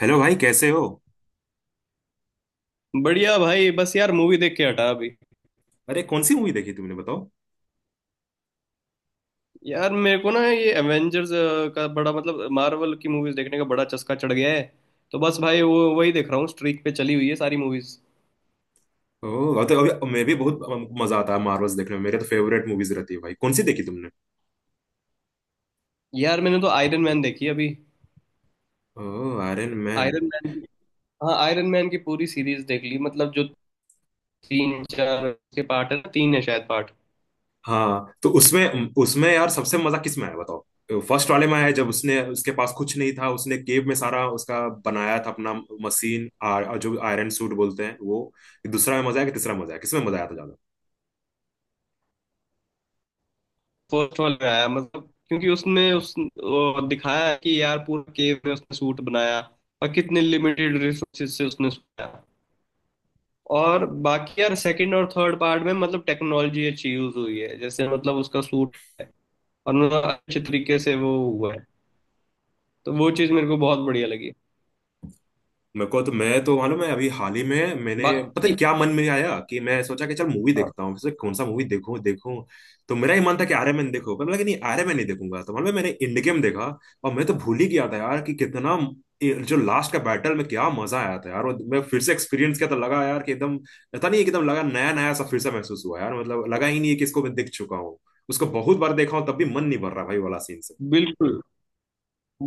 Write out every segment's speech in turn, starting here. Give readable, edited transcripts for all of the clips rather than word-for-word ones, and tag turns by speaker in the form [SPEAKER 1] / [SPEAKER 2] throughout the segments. [SPEAKER 1] Hello भाई, कैसे हो।
[SPEAKER 2] बढ़िया भाई, बस यार मूवी देख के हटा अभी।
[SPEAKER 1] अरे कौन सी मूवी देखी तुमने, बताओ।
[SPEAKER 2] यार मेरे को ना ये एवेंजर्स का बड़ा, मतलब मार्वल की मूवीज देखने का बड़ा चस्का चढ़ गया है। तो बस भाई वो वही देख रहा हूँ, स्ट्रीक पे चली हुई है सारी मूवीज।
[SPEAKER 1] ओह, तो अभी मैं भी बहुत मजा आता है मार्वल्स देखने में, मेरे तो फेवरेट मूवीज रहती है भाई। कौन सी देखी तुमने।
[SPEAKER 2] यार मैंने तो आयरन मैन देखी अभी।
[SPEAKER 1] ओह, आयरन मैन।
[SPEAKER 2] Iron Man. हाँ, आयरन मैन की पूरी सीरीज देख ली, मतलब जो तीन चार के पार्ट है ना, तीन है शायद पार्ट।
[SPEAKER 1] हाँ, तो उसमें उसमें यार सबसे मजा किस में आया बताओ। फर्स्ट वाले में आया, जब उसने, उसके पास कुछ नहीं था, उसने केव में सारा उसका बनाया था अपना मशीन, जो आयरन सूट बोलते हैं वो। दूसरा में मजा आया कि तीसरा में मजा आया, किसमें मजा आया था।
[SPEAKER 2] फर्स्ट वाला आया, मतलब क्योंकि उसने उस वो दिखाया कि यार पूरा केव में उसने सूट बनाया और कितने लिमिटेड रिसोर्सेज से उसने बनाया। और बाकी यार सेकंड और थर्ड पार्ट में मतलब टेक्नोलॉजी अच्छी यूज हुई है, जैसे मतलब उसका सूट है, और मतलब अच्छे तरीके से वो हुआ है। तो वो चीज मेरे को बहुत बढ़िया लगी।
[SPEAKER 1] मेरे को तो मैं तो मालूम है, अभी हाल ही में मैंने पता
[SPEAKER 2] बाकी।
[SPEAKER 1] नहीं क्या मन में आया कि मैं सोचा कि चल मूवी
[SPEAKER 2] हाँ।
[SPEAKER 1] देखता हूँ, सोचा कौन सा मूवी देखूं देखूं। तो मेरा ही मन था कि आर्य मैन देखो, पर मैं लगा नहीं आर्य मैन नहीं देखूंगा। तो मालूम है, मैंने इंड गेम देखा। और मैं तो भूल ही गया था यार कि कितना ये जो लास्ट का बैटल, में क्या मजा आया था यार। और मैं फिर से एक्सपीरियंस किया तो लगा यार कि एकदम, पता नहीं एकदम लगा नया नया सा, फिर से महसूस हुआ यार। मतलब लगा ही नहीं है कि इसको मैं देख चुका हूँ, उसको बहुत बार देखा हूँ तब भी मन नहीं भर रहा भाई वाला सीन।
[SPEAKER 2] बिल्कुल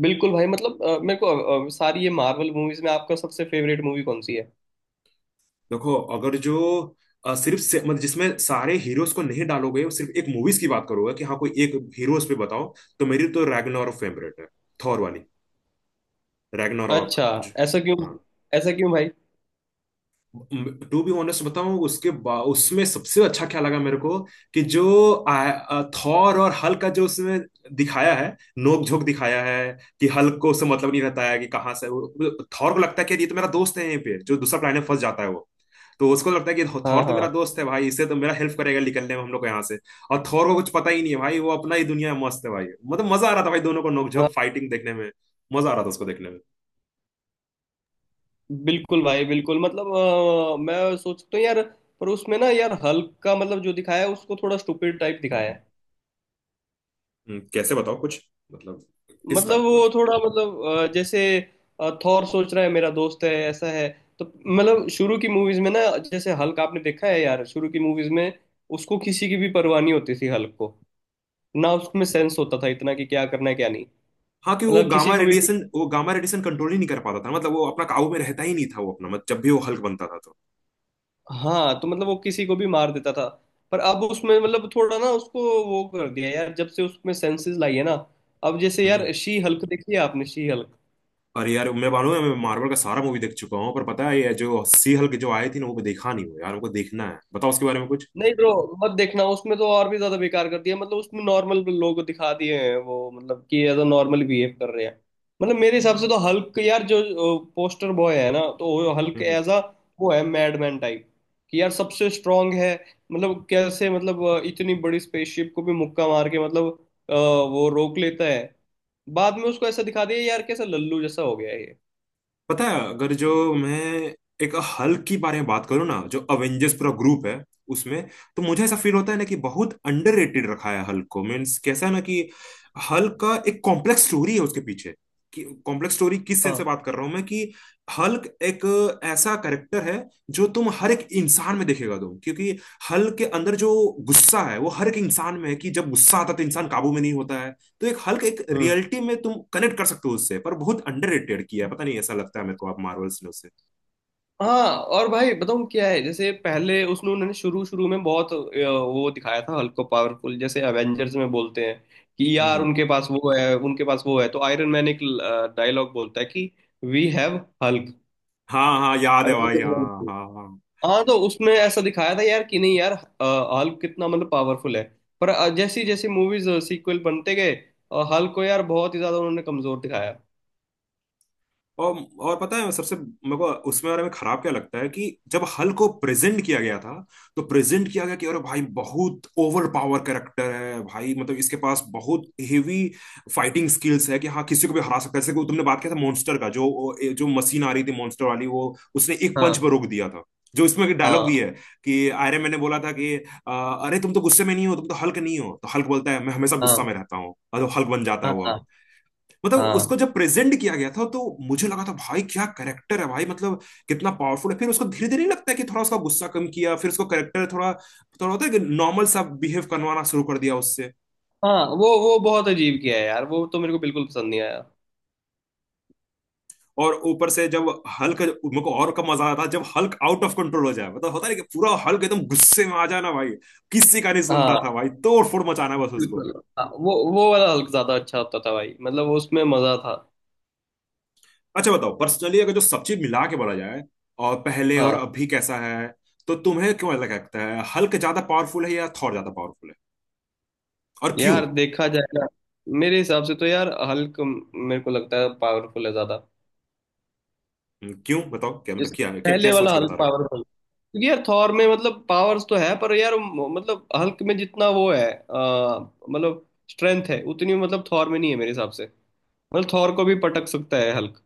[SPEAKER 2] बिल्कुल भाई, मतलब मेरे को सारी ये मार्वल मूवीज में आपका सबसे फेवरेट मूवी कौन सी है?
[SPEAKER 1] देखो, अगर जो मतलब जिसमें सारे हीरोज को नहीं डालोगे और सिर्फ एक मूवीज की बात करोगे, कि हाँ कोई एक हीरोज पे बताओ। तो मेरी तो रैग्नारोक फेवरेट है, थॉर वाली। रैग्नारोक
[SPEAKER 2] अच्छा।
[SPEAKER 1] जो-
[SPEAKER 2] ऐसा क्यों?
[SPEAKER 1] हाँ।
[SPEAKER 2] ऐसा क्यों भाई?
[SPEAKER 1] टू बी ऑनेस्ट बताऊं, उसमें सबसे अच्छा क्या लगा मेरे को, कि जो आ, आ, थॉर और हल्क का जो उसमें दिखाया है, नोक झोंक दिखाया है। कि हल्क को उससे मतलब नहीं रहता है कि कहाँ से। थॉर को लगता है कि ये तो मेरा दोस्त है, यहीं पे जो दूसरा प्लेनेट फंस जाता है वो। तो उसको तो लगता है कि
[SPEAKER 2] हाँ
[SPEAKER 1] थॉर तो मेरा
[SPEAKER 2] हाँ
[SPEAKER 1] दोस्त है भाई, इससे तो मेरा हेल्प करेगा निकलने में हम लोग को यहाँ से। और थॉर को कुछ पता ही नहीं है भाई, वो अपना ही दुनिया में मस्त है भाई। मतलब मजा आ रहा था भाई, दोनों को
[SPEAKER 2] हाँ।
[SPEAKER 1] नोकझोंक फाइटिंग देखने में, मजा आ रहा था उसको देखने में।
[SPEAKER 2] बिल्कुल भाई बिल्कुल, मतलब मैं सोचता हूँ यार, पर उसमें ना यार हल्क का मतलब जो दिखाया है, उसको थोड़ा स्टूपिड टाइप दिखाया है।
[SPEAKER 1] कैसे बताओ कुछ। मतलब, किस
[SPEAKER 2] मतलब
[SPEAKER 1] टाइप का।
[SPEAKER 2] वो थोड़ा, मतलब जैसे थॉर सोच रहा है मेरा दोस्त है ऐसा है। तो मतलब शुरू की मूवीज में ना, जैसे हल्क आपने देखा है यार शुरू की मूवीज में, उसको किसी की भी परवाह नहीं होती थी हल्क को। ना उसमें सेंस होता था इतना कि क्या करना है क्या नहीं।
[SPEAKER 1] हाँ, कि वो
[SPEAKER 2] मतलब किसी
[SPEAKER 1] गामा
[SPEAKER 2] को भी।
[SPEAKER 1] रेडिएशन वो गामा रेडिएशन कंट्रोल ही नहीं कर पाता था, मतलब वो अपना काबू में रहता ही नहीं था, वो अपना मतलब जब भी वो हल्क बनता था तो।
[SPEAKER 2] हाँ, तो मतलब वो किसी को भी मार देता था। पर अब उसमें मतलब थोड़ा ना उसको वो कर दिया यार, जब से उसमें सेंसेस लाई है ना। अब जैसे
[SPEAKER 1] हम्म।
[SPEAKER 2] यार शी हल्क देखी है आपने? She Hulk.
[SPEAKER 1] अरे यार, मैं मानूं मैं मार्वल का सारा मूवी देख चुका हूँ, पर पता है ये जो सी हल्क जो आई थी ना, वो देखा नहीं हो यार, हमको देखना है, बताओ उसके बारे में कुछ।
[SPEAKER 2] नहीं ब्रो। मत देखना, उसमें तो और भी ज्यादा बेकार कर दिया। मतलब उसमें नॉर्मल लोग दिखा दिए हैं वो, मतलब कि एज अ नॉर्मल बिहेव कर रहे हैं। मतलब मेरे हिसाब से तो हल्क यार जो पोस्टर बॉय है ना, तो वो हल्क एज अ, वो है मैडमैन टाइप। कि यार सबसे स्ट्रांग है। मतलब कैसे, मतलब इतनी बड़ी स्पेसशिप को भी मुक्का मार के मतलब वो रोक लेता है। बाद में उसको ऐसा दिखा दिया यार, कैसा लल्लू जैसा हो गया है ये।
[SPEAKER 1] पता है, अगर जो मैं एक हल्क के बारे में बात करूँ ना, जो अवेंजर्स पूरा ग्रुप है उसमें, तो मुझे ऐसा फील होता है ना कि बहुत अंडररेटेड रखा है हल्क को। मीन्स कैसा है ना कि हल्क का एक कॉम्प्लेक्स स्टोरी है उसके पीछे। कि कॉम्प्लेक्स स्टोरी किस सेंस से
[SPEAKER 2] हाँ।
[SPEAKER 1] बात कर रहा हूँ मैं, कि हल्क एक ऐसा कैरेक्टर है, जो तुम हर एक इंसान में देखेगा तुम, क्योंकि हल्क के अंदर जो गुस्सा है वो हर एक इंसान में है, कि जब गुस्सा आता है तो इंसान काबू में नहीं होता है। तो एक हल्क एक
[SPEAKER 2] हम्म।
[SPEAKER 1] रियलिटी में तुम कनेक्ट कर सकते हो उससे, पर बहुत अंडररेटेड किया है, पता नहीं ऐसा लगता है मेरे को, आप मार्वल्स ने उसे।
[SPEAKER 2] हाँ। और भाई बताऊँ क्या है, जैसे पहले उसने उन्होंने शुरू शुरू में बहुत वो दिखाया था हल्को पावरफुल, जैसे अवेंजर्स में बोलते हैं कि
[SPEAKER 1] हम्म,
[SPEAKER 2] यार उनके पास वो है, उनके पास वो है, तो आयरन मैन एक डायलॉग बोलता है कि वी हैव हल्क,
[SPEAKER 1] हाँ, हाँ, याद है भाई, हाँ,
[SPEAKER 2] अवेंजर्स।
[SPEAKER 1] हाँ, हाँ।
[SPEAKER 2] हाँ, तो उसमें ऐसा दिखाया था यार कि नहीं यार, हल्क कितना मतलब पावरफुल है। पर जैसी जैसी मूवीज सीक्वल बनते गए, हल्क को यार बहुत ही ज्यादा उन्होंने कमजोर दिखाया।
[SPEAKER 1] और और पता है, सबसे मेरे को उसमें बारे में खराब क्या लगता है, कि जब हल को प्रेजेंट किया गया था, तो प्रेजेंट किया गया कि अरे भाई बहुत ओवर पावर कैरेक्टर है भाई, मतलब इसके पास बहुत हेवी फाइटिंग स्किल्स है, कि हाँ किसी को भी हरा सकता है। जैसे कि तुमने बात किया था मॉन्स्टर का जो जो मशीन आ रही थी मॉन्स्टर वाली वो, उसने एक पंच
[SPEAKER 2] हाँ
[SPEAKER 1] पर रोक दिया था। जो इसमें डायलॉग
[SPEAKER 2] हाँ
[SPEAKER 1] भी है, कि आयरन मैन ने बोला था कि अ, अरे तुम तो गुस्से में नहीं हो, तुम तो हल्क नहीं हो, तो हल्क बोलता है मैं हमेशा गुस्सा
[SPEAKER 2] हाँ
[SPEAKER 1] में रहता हूँ, और वो हल्क बन जाता है
[SPEAKER 2] हाँ
[SPEAKER 1] वो।
[SPEAKER 2] हाँ
[SPEAKER 1] मतलब
[SPEAKER 2] हाँ।
[SPEAKER 1] उसको जब प्रेजेंट किया गया था तो मुझे लगा था भाई क्या करेक्टर है भाई, मतलब कितना पावरफुल है। फिर उसको धीरे धीरे लगता है कि थोड़ा उसका गुस्सा कम किया, फिर उसको करेक्टर थोड़ा थोड़ा होता है कि नॉर्मल सा बिहेव करवाना शुरू कर दिया उससे।
[SPEAKER 2] हाँ, वो बहुत अजीब किया है यार, वो तो मेरे को बिल्कुल पसंद नहीं आया।
[SPEAKER 1] और ऊपर से जब हल्क, मेरे को और कम मजा आया था जब हल्क आउट ऑफ कंट्रोल हो जाए, मतलब होता है ना कि पूरा हल्क एकदम गुस्से में आ जाना भाई, किसी का नहीं सुनता था
[SPEAKER 2] हाँ
[SPEAKER 1] भाई, तोड़ फोड़ मचाना बस उसको।
[SPEAKER 2] बिल्कुल। हाँ, वो वाला हल्क ज्यादा अच्छा होता था भाई, मतलब उसमें मजा था।
[SPEAKER 1] अच्छा बताओ, पर्सनली अगर जो सब चीज मिला के बोला जाए, और पहले और
[SPEAKER 2] हाँ।
[SPEAKER 1] अभी कैसा है, तो तुम्हें क्यों लगता है हल्क ज्यादा पावरफुल है या थॉर ज्यादा पावरफुल है, और क्यों।
[SPEAKER 2] यार देखा जाएगा। मेरे हिसाब से तो यार हल्क मेरे को लगता है पावरफुल है ज्यादा।
[SPEAKER 1] क्यों बताओ, क्या मतलब,
[SPEAKER 2] जिस
[SPEAKER 1] क्या क्या क्या
[SPEAKER 2] पहले
[SPEAKER 1] सोच
[SPEAKER 2] वाला
[SPEAKER 1] के
[SPEAKER 2] हल्क
[SPEAKER 1] बता रहे हो।
[SPEAKER 2] पावरफुल, क्योंकि यार थॉर में मतलब पावर्स तो है, पर यार मतलब हल्क में जितना वो है मतलब स्ट्रेंथ है उतनी मतलब थॉर में नहीं है मेरे हिसाब से। मतलब थॉर को भी पटक सकता है हल्क।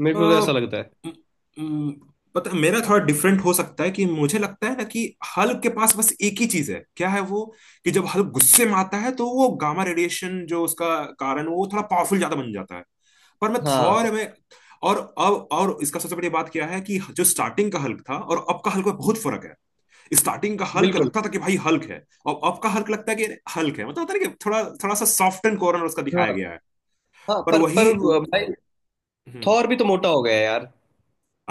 [SPEAKER 2] मेरे
[SPEAKER 1] अ,
[SPEAKER 2] को तो ऐसा लगता है।
[SPEAKER 1] म- पता मेरा थोड़ा डिफरेंट हो सकता है, कि मुझे लगता है ना कि हल्क के पास बस एक ही चीज है, क्या है वो, कि जब हल्क गुस्से में आता है तो वो गामा रेडिएशन जो उसका कारण, वो थोड़ा पावरफुल ज्यादा बन जाता है। पर मैं थॉर
[SPEAKER 2] हाँ
[SPEAKER 1] में, और अब, और इसका सबसे बड़ी बात क्या है कि जो स्टार्टिंग का हल्क था और अब का हल्क में बहुत फर्क है। स्टार्टिंग का हल्क
[SPEAKER 2] बिल्कुल।
[SPEAKER 1] लगता था कि भाई हल्क है, और अब का हल्क लगता है कि हल्क है, मतलब होता है ना कि थोड़ा थोड़ा सा सॉफ्ट एंड कॉर्नर उसका दिखाया
[SPEAKER 2] हाँ
[SPEAKER 1] गया है।
[SPEAKER 2] हाँ,
[SPEAKER 1] पर
[SPEAKER 2] पर
[SPEAKER 1] वही।
[SPEAKER 2] पर भाई
[SPEAKER 1] हम्म।
[SPEAKER 2] थॉर भी तो मोटा हो गया है यार।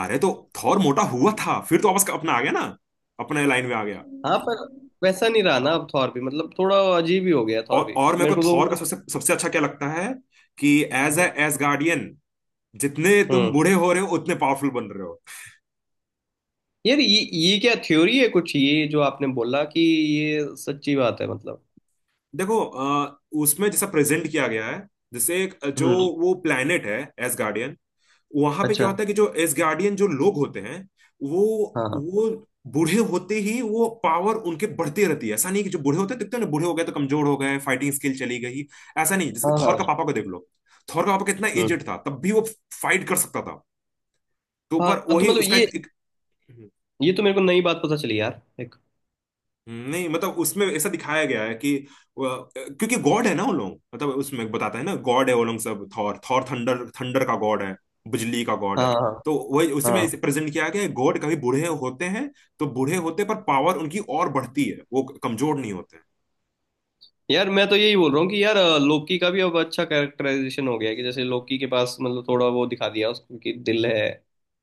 [SPEAKER 1] अरे तो, थॉर मोटा हुआ था, फिर तो वापस अपना आ गया ना, अपने लाइन में आ गया।
[SPEAKER 2] हाँ, पर वैसा नहीं रहा ना अब, थॉर भी मतलब थोड़ा अजीब ही हो गया,
[SPEAKER 1] और
[SPEAKER 2] थॉर भी
[SPEAKER 1] और मेरे को
[SPEAKER 2] मेरे को तो
[SPEAKER 1] थॉर का
[SPEAKER 2] मतलब।
[SPEAKER 1] सबसे सबसे अच्छा क्या लगता है, कि एज गार्डियन, जितने तुम
[SPEAKER 2] हम्म।
[SPEAKER 1] बूढ़े हो रहे हो, उतने पावरफुल बन रहे हो।
[SPEAKER 2] यार ये क्या थ्योरी है कुछ, ये जो आपने बोला कि ये सच्ची बात है मतलब।
[SPEAKER 1] देखो, उसमें जैसा प्रेजेंट किया गया है, जैसे एक जो
[SPEAKER 2] हम्म।
[SPEAKER 1] वो प्लेनेट है, एज गार्डियन, वहां पे क्या
[SPEAKER 2] अच्छा।
[SPEAKER 1] होता है कि जो एसगार्डियन जो लोग होते हैं, वो
[SPEAKER 2] हाँ हाँ
[SPEAKER 1] वो बूढ़े होते ही वो पावर उनके बढ़ती रहती है। ऐसा नहीं कि जो बूढ़े होते हैं, देखते हो ना, बूढ़े हो गए तो कमजोर हो गए, फाइटिंग स्किल चली गई। ऐसा नहीं, जैसे कि
[SPEAKER 2] हाँ
[SPEAKER 1] थॉर
[SPEAKER 2] हाँ।
[SPEAKER 1] का पापा को देख लो, थॉर का पापा कितना
[SPEAKER 2] हम्म।
[SPEAKER 1] एजेड था, तब भी वो फाइट कर सकता था। तो
[SPEAKER 2] हाँ
[SPEAKER 1] पर
[SPEAKER 2] तो
[SPEAKER 1] वही
[SPEAKER 2] मतलब
[SPEAKER 1] उसका
[SPEAKER 2] ये
[SPEAKER 1] एक, एक।
[SPEAKER 2] ये तो मेरे को नई बात पता चली यार एक।
[SPEAKER 1] नहीं, मतलब उसमें ऐसा दिखाया गया है कि वो- क्योंकि गॉड है ना वो लोग, मतलब उसमें बताता है ना गॉड है वो लोग सब, थॉर थॉर थंडर थंडर का गॉड है, बिजली का गॉड है।
[SPEAKER 2] हाँ हाँ
[SPEAKER 1] तो वही उसी
[SPEAKER 2] हाँ।
[SPEAKER 1] में प्रेजेंट किया गया है, गॉड कभी बूढ़े होते हैं, तो बूढ़े होते पर पावर उनकी और बढ़ती है, वो कमजोर नहीं होते।
[SPEAKER 2] यार मैं तो यही बोल रहा हूँ कि यार लोकी का भी अब अच्छा कैरेक्टराइजेशन हो गया है, कि जैसे लोकी के पास मतलब थोड़ा वो दिखा दिया उसको कि दिल है,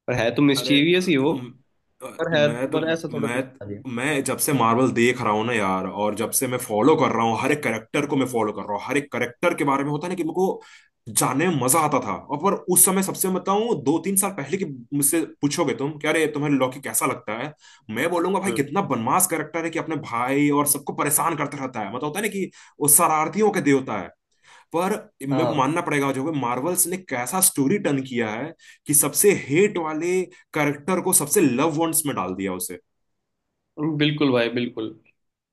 [SPEAKER 2] पर है तो
[SPEAKER 1] अरे
[SPEAKER 2] मिस्चीवियस ही वो।
[SPEAKER 1] अ,
[SPEAKER 2] पर है,
[SPEAKER 1] मैं तो
[SPEAKER 2] पर ऐसा थोड़ा
[SPEAKER 1] मैं
[SPEAKER 2] दिखता नहीं है।
[SPEAKER 1] मैं जब से मार्वल देख रहा हूँ ना यार, और जब से मैं फॉलो कर रहा हूँ हर एक करेक्टर को, मैं फॉलो कर रहा हूँ हर एक करेक्टर के बारे में, होता है ना कि मेरे को जानने में मजा आता था। और पर उस समय सबसे बताऊं, 2-3 साल पहले की, मुझसे पूछोगे तुम क्या, अरे तुम्हें लॉकी कैसा लगता है, मैं बोलूंगा भाई
[SPEAKER 2] हम्म।
[SPEAKER 1] कितना बनमास करेक्टर है, कि अपने भाई और सबको परेशान करते रहता है, मतलब होता है ना कि वो शरारतियों के देवता है। पर मैं
[SPEAKER 2] हाँ
[SPEAKER 1] मानना पड़ेगा, जो मार्वल्स ने कैसा स्टोरी टर्न किया है, कि सबसे हेट वाले कैरेक्टर को सबसे लव वंस में डाल दिया उसे।
[SPEAKER 2] बिल्कुल भाई बिल्कुल।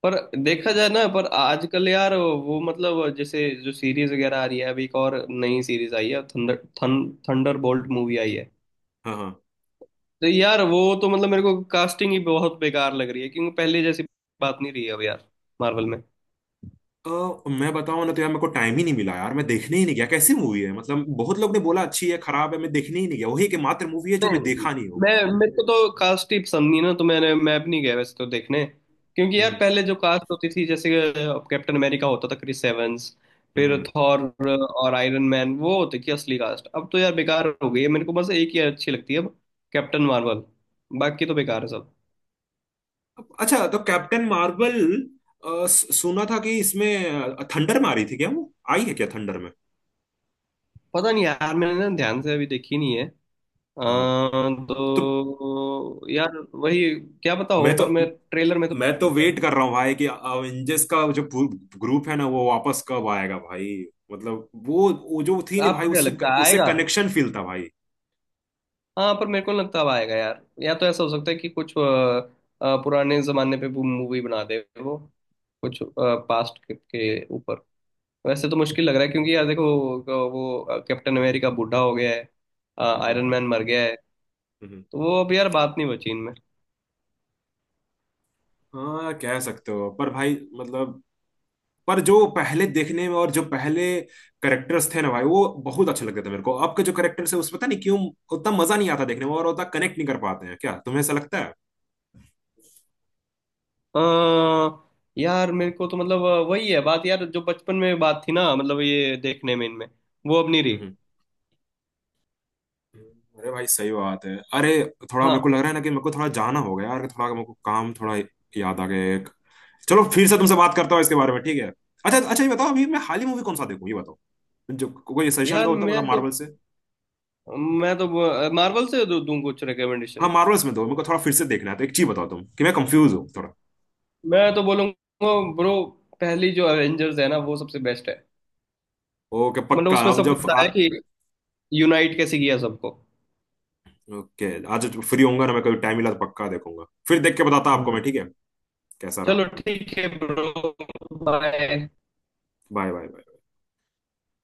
[SPEAKER 2] पर देखा जाए ना, पर आजकल यार वो मतलब जैसे जो सीरीज वगैरह आ रही है, अभी एक और नई सीरीज आई है, थंडर थंडर बोल्ट मूवी आई है।
[SPEAKER 1] हाँ, हाँ।
[SPEAKER 2] तो यार वो तो मतलब मेरे को कास्टिंग ही बहुत बेकार लग रही है, क्योंकि पहले जैसी बात नहीं रही है अब यार मार्वल में।
[SPEAKER 1] मैं बताऊं ना, तो यार मेरे को टाइम ही नहीं मिला यार, मैं देखने ही नहीं गया कैसी मूवी है, मतलब बहुत लोग ने बोला अच्छी है खराब है, मैं देखने ही नहीं गया, वही एकमात्र मूवी है जो
[SPEAKER 2] नहीं,
[SPEAKER 1] मैं देखा नहीं हूँ।
[SPEAKER 2] मैं मेरे को तो कास्ट ही पसंद नहीं ना, तो मैं भी नहीं गया वैसे तो देखने। क्योंकि यार
[SPEAKER 1] हम्म,
[SPEAKER 2] पहले जो कास्ट होती थी, जैसे कैप्टन अमेरिका होता था क्रिस एवंस, फिर
[SPEAKER 1] हम्म।
[SPEAKER 2] थॉर और आयरन मैन, वो होती थी असली कास्ट। अब तो यार बेकार हो गई है, मेरे को बस एक ही अच्छी लगती है अब, कैप्टन मार्वल। बाकी तो बेकार है सब।
[SPEAKER 1] अच्छा, तो कैप्टन मार्वल, सुना था कि इसमें थंडर में आ रही थी क्या, वो आई है क्या थंडर में।
[SPEAKER 2] पता नहीं यार मैंने ना ध्यान से अभी देखी नहीं है। अ,
[SPEAKER 1] हाँ, हाँ। तो
[SPEAKER 2] तो यार वही, क्या पता हो,
[SPEAKER 1] मैं तो
[SPEAKER 2] पर मैं ट्रेलर में तो।
[SPEAKER 1] मैं तो वेट कर रहा हूँ भाई कि अवेंजर्स का जो ग्रुप है ना, वो वापस कब आएगा भाई। मतलब वो जो थी ना भाई,
[SPEAKER 2] आपको क्या
[SPEAKER 1] उससे
[SPEAKER 2] लगता है
[SPEAKER 1] उससे
[SPEAKER 2] आएगा?
[SPEAKER 1] कनेक्शन फील था भाई।
[SPEAKER 2] हाँ, पर मेरे को नहीं लगता अब आएगा यार। या तो ऐसा हो सकता है कि कुछ पुराने जमाने पे मूवी बना दे वो, कुछ पास्ट के ऊपर। वैसे तो मुश्किल लग रहा है, क्योंकि यार देखो, वो कैप्टन अमेरिका बूढ़ा हो गया है।
[SPEAKER 1] हम्म,
[SPEAKER 2] आयरन मैन मर गया है।
[SPEAKER 1] हम्म।
[SPEAKER 2] तो वो अब यार बात नहीं बची इनमें।
[SPEAKER 1] हाँ, कह सकते हो पर भाई, मतलब पर जो पहले देखने में, और जो पहले करेक्टर्स थे ना भाई वो बहुत अच्छे लगते थे मेरे को, अब के जो करेक्टर्स है उसमें पता नहीं क्यों उतना मजा नहीं आता देखने में, और उतना कनेक्ट नहीं कर पाते हैं, क्या तुम्हें ऐसा लगता है।
[SPEAKER 2] अ, यार मेरे को तो मतलब वही है बात यार जो बचपन में बात थी ना, मतलब ये देखने में इनमें वो अब नहीं रही।
[SPEAKER 1] हम्म। अरे भाई सही बात है, अरे थोड़ा मेरे को
[SPEAKER 2] हाँ।
[SPEAKER 1] लग रहा है ना कि मेरे को थोड़ा जाना होगा यार, थोड़ा मेरे को काम थोड़ा याद आ गया। चलो फिर से तुमसे बात करता हूँ इसके बारे में, ठीक है। अच्छा अच्छा, ये बताओ अभी मैं हाल ही मूवी कौन सा देखूँ, ये बताओ, जो कोई सजेशन
[SPEAKER 2] यार
[SPEAKER 1] दो तो
[SPEAKER 2] मैं
[SPEAKER 1] बताओ
[SPEAKER 2] तो
[SPEAKER 1] मार्वल से।
[SPEAKER 2] मैं तो मार्वल से दूं कुछ
[SPEAKER 1] हाँ,
[SPEAKER 2] रिकमेंडेशन।
[SPEAKER 1] मार्वल्स में दो मेरे को, थोड़ा फिर से देखना है तो एक चीज बताओ तुम, कि मैं कंफ्यूज हूँ थोड़ा।
[SPEAKER 2] मैं तो बोलूंगा ब्रो, पहली जो एवेंजर्स है ना वो सबसे बेस्ट है।
[SPEAKER 1] ओके
[SPEAKER 2] मतलब
[SPEAKER 1] पक्का,
[SPEAKER 2] उसमें
[SPEAKER 1] अब
[SPEAKER 2] सब कुछ
[SPEAKER 1] जब
[SPEAKER 2] बताया कि यूनाइट कैसे किया सबको।
[SPEAKER 1] ओके, आज फ्री होऊंगा ना मैं, कभी टाइम मिला तो पक्का देखूंगा, फिर देख के बताता आपको
[SPEAKER 2] हम्म।
[SPEAKER 1] मैं, ठीक है। कैसा रहा।
[SPEAKER 2] चलो ठीक है ब्रो। बाय।
[SPEAKER 1] Bye, bye.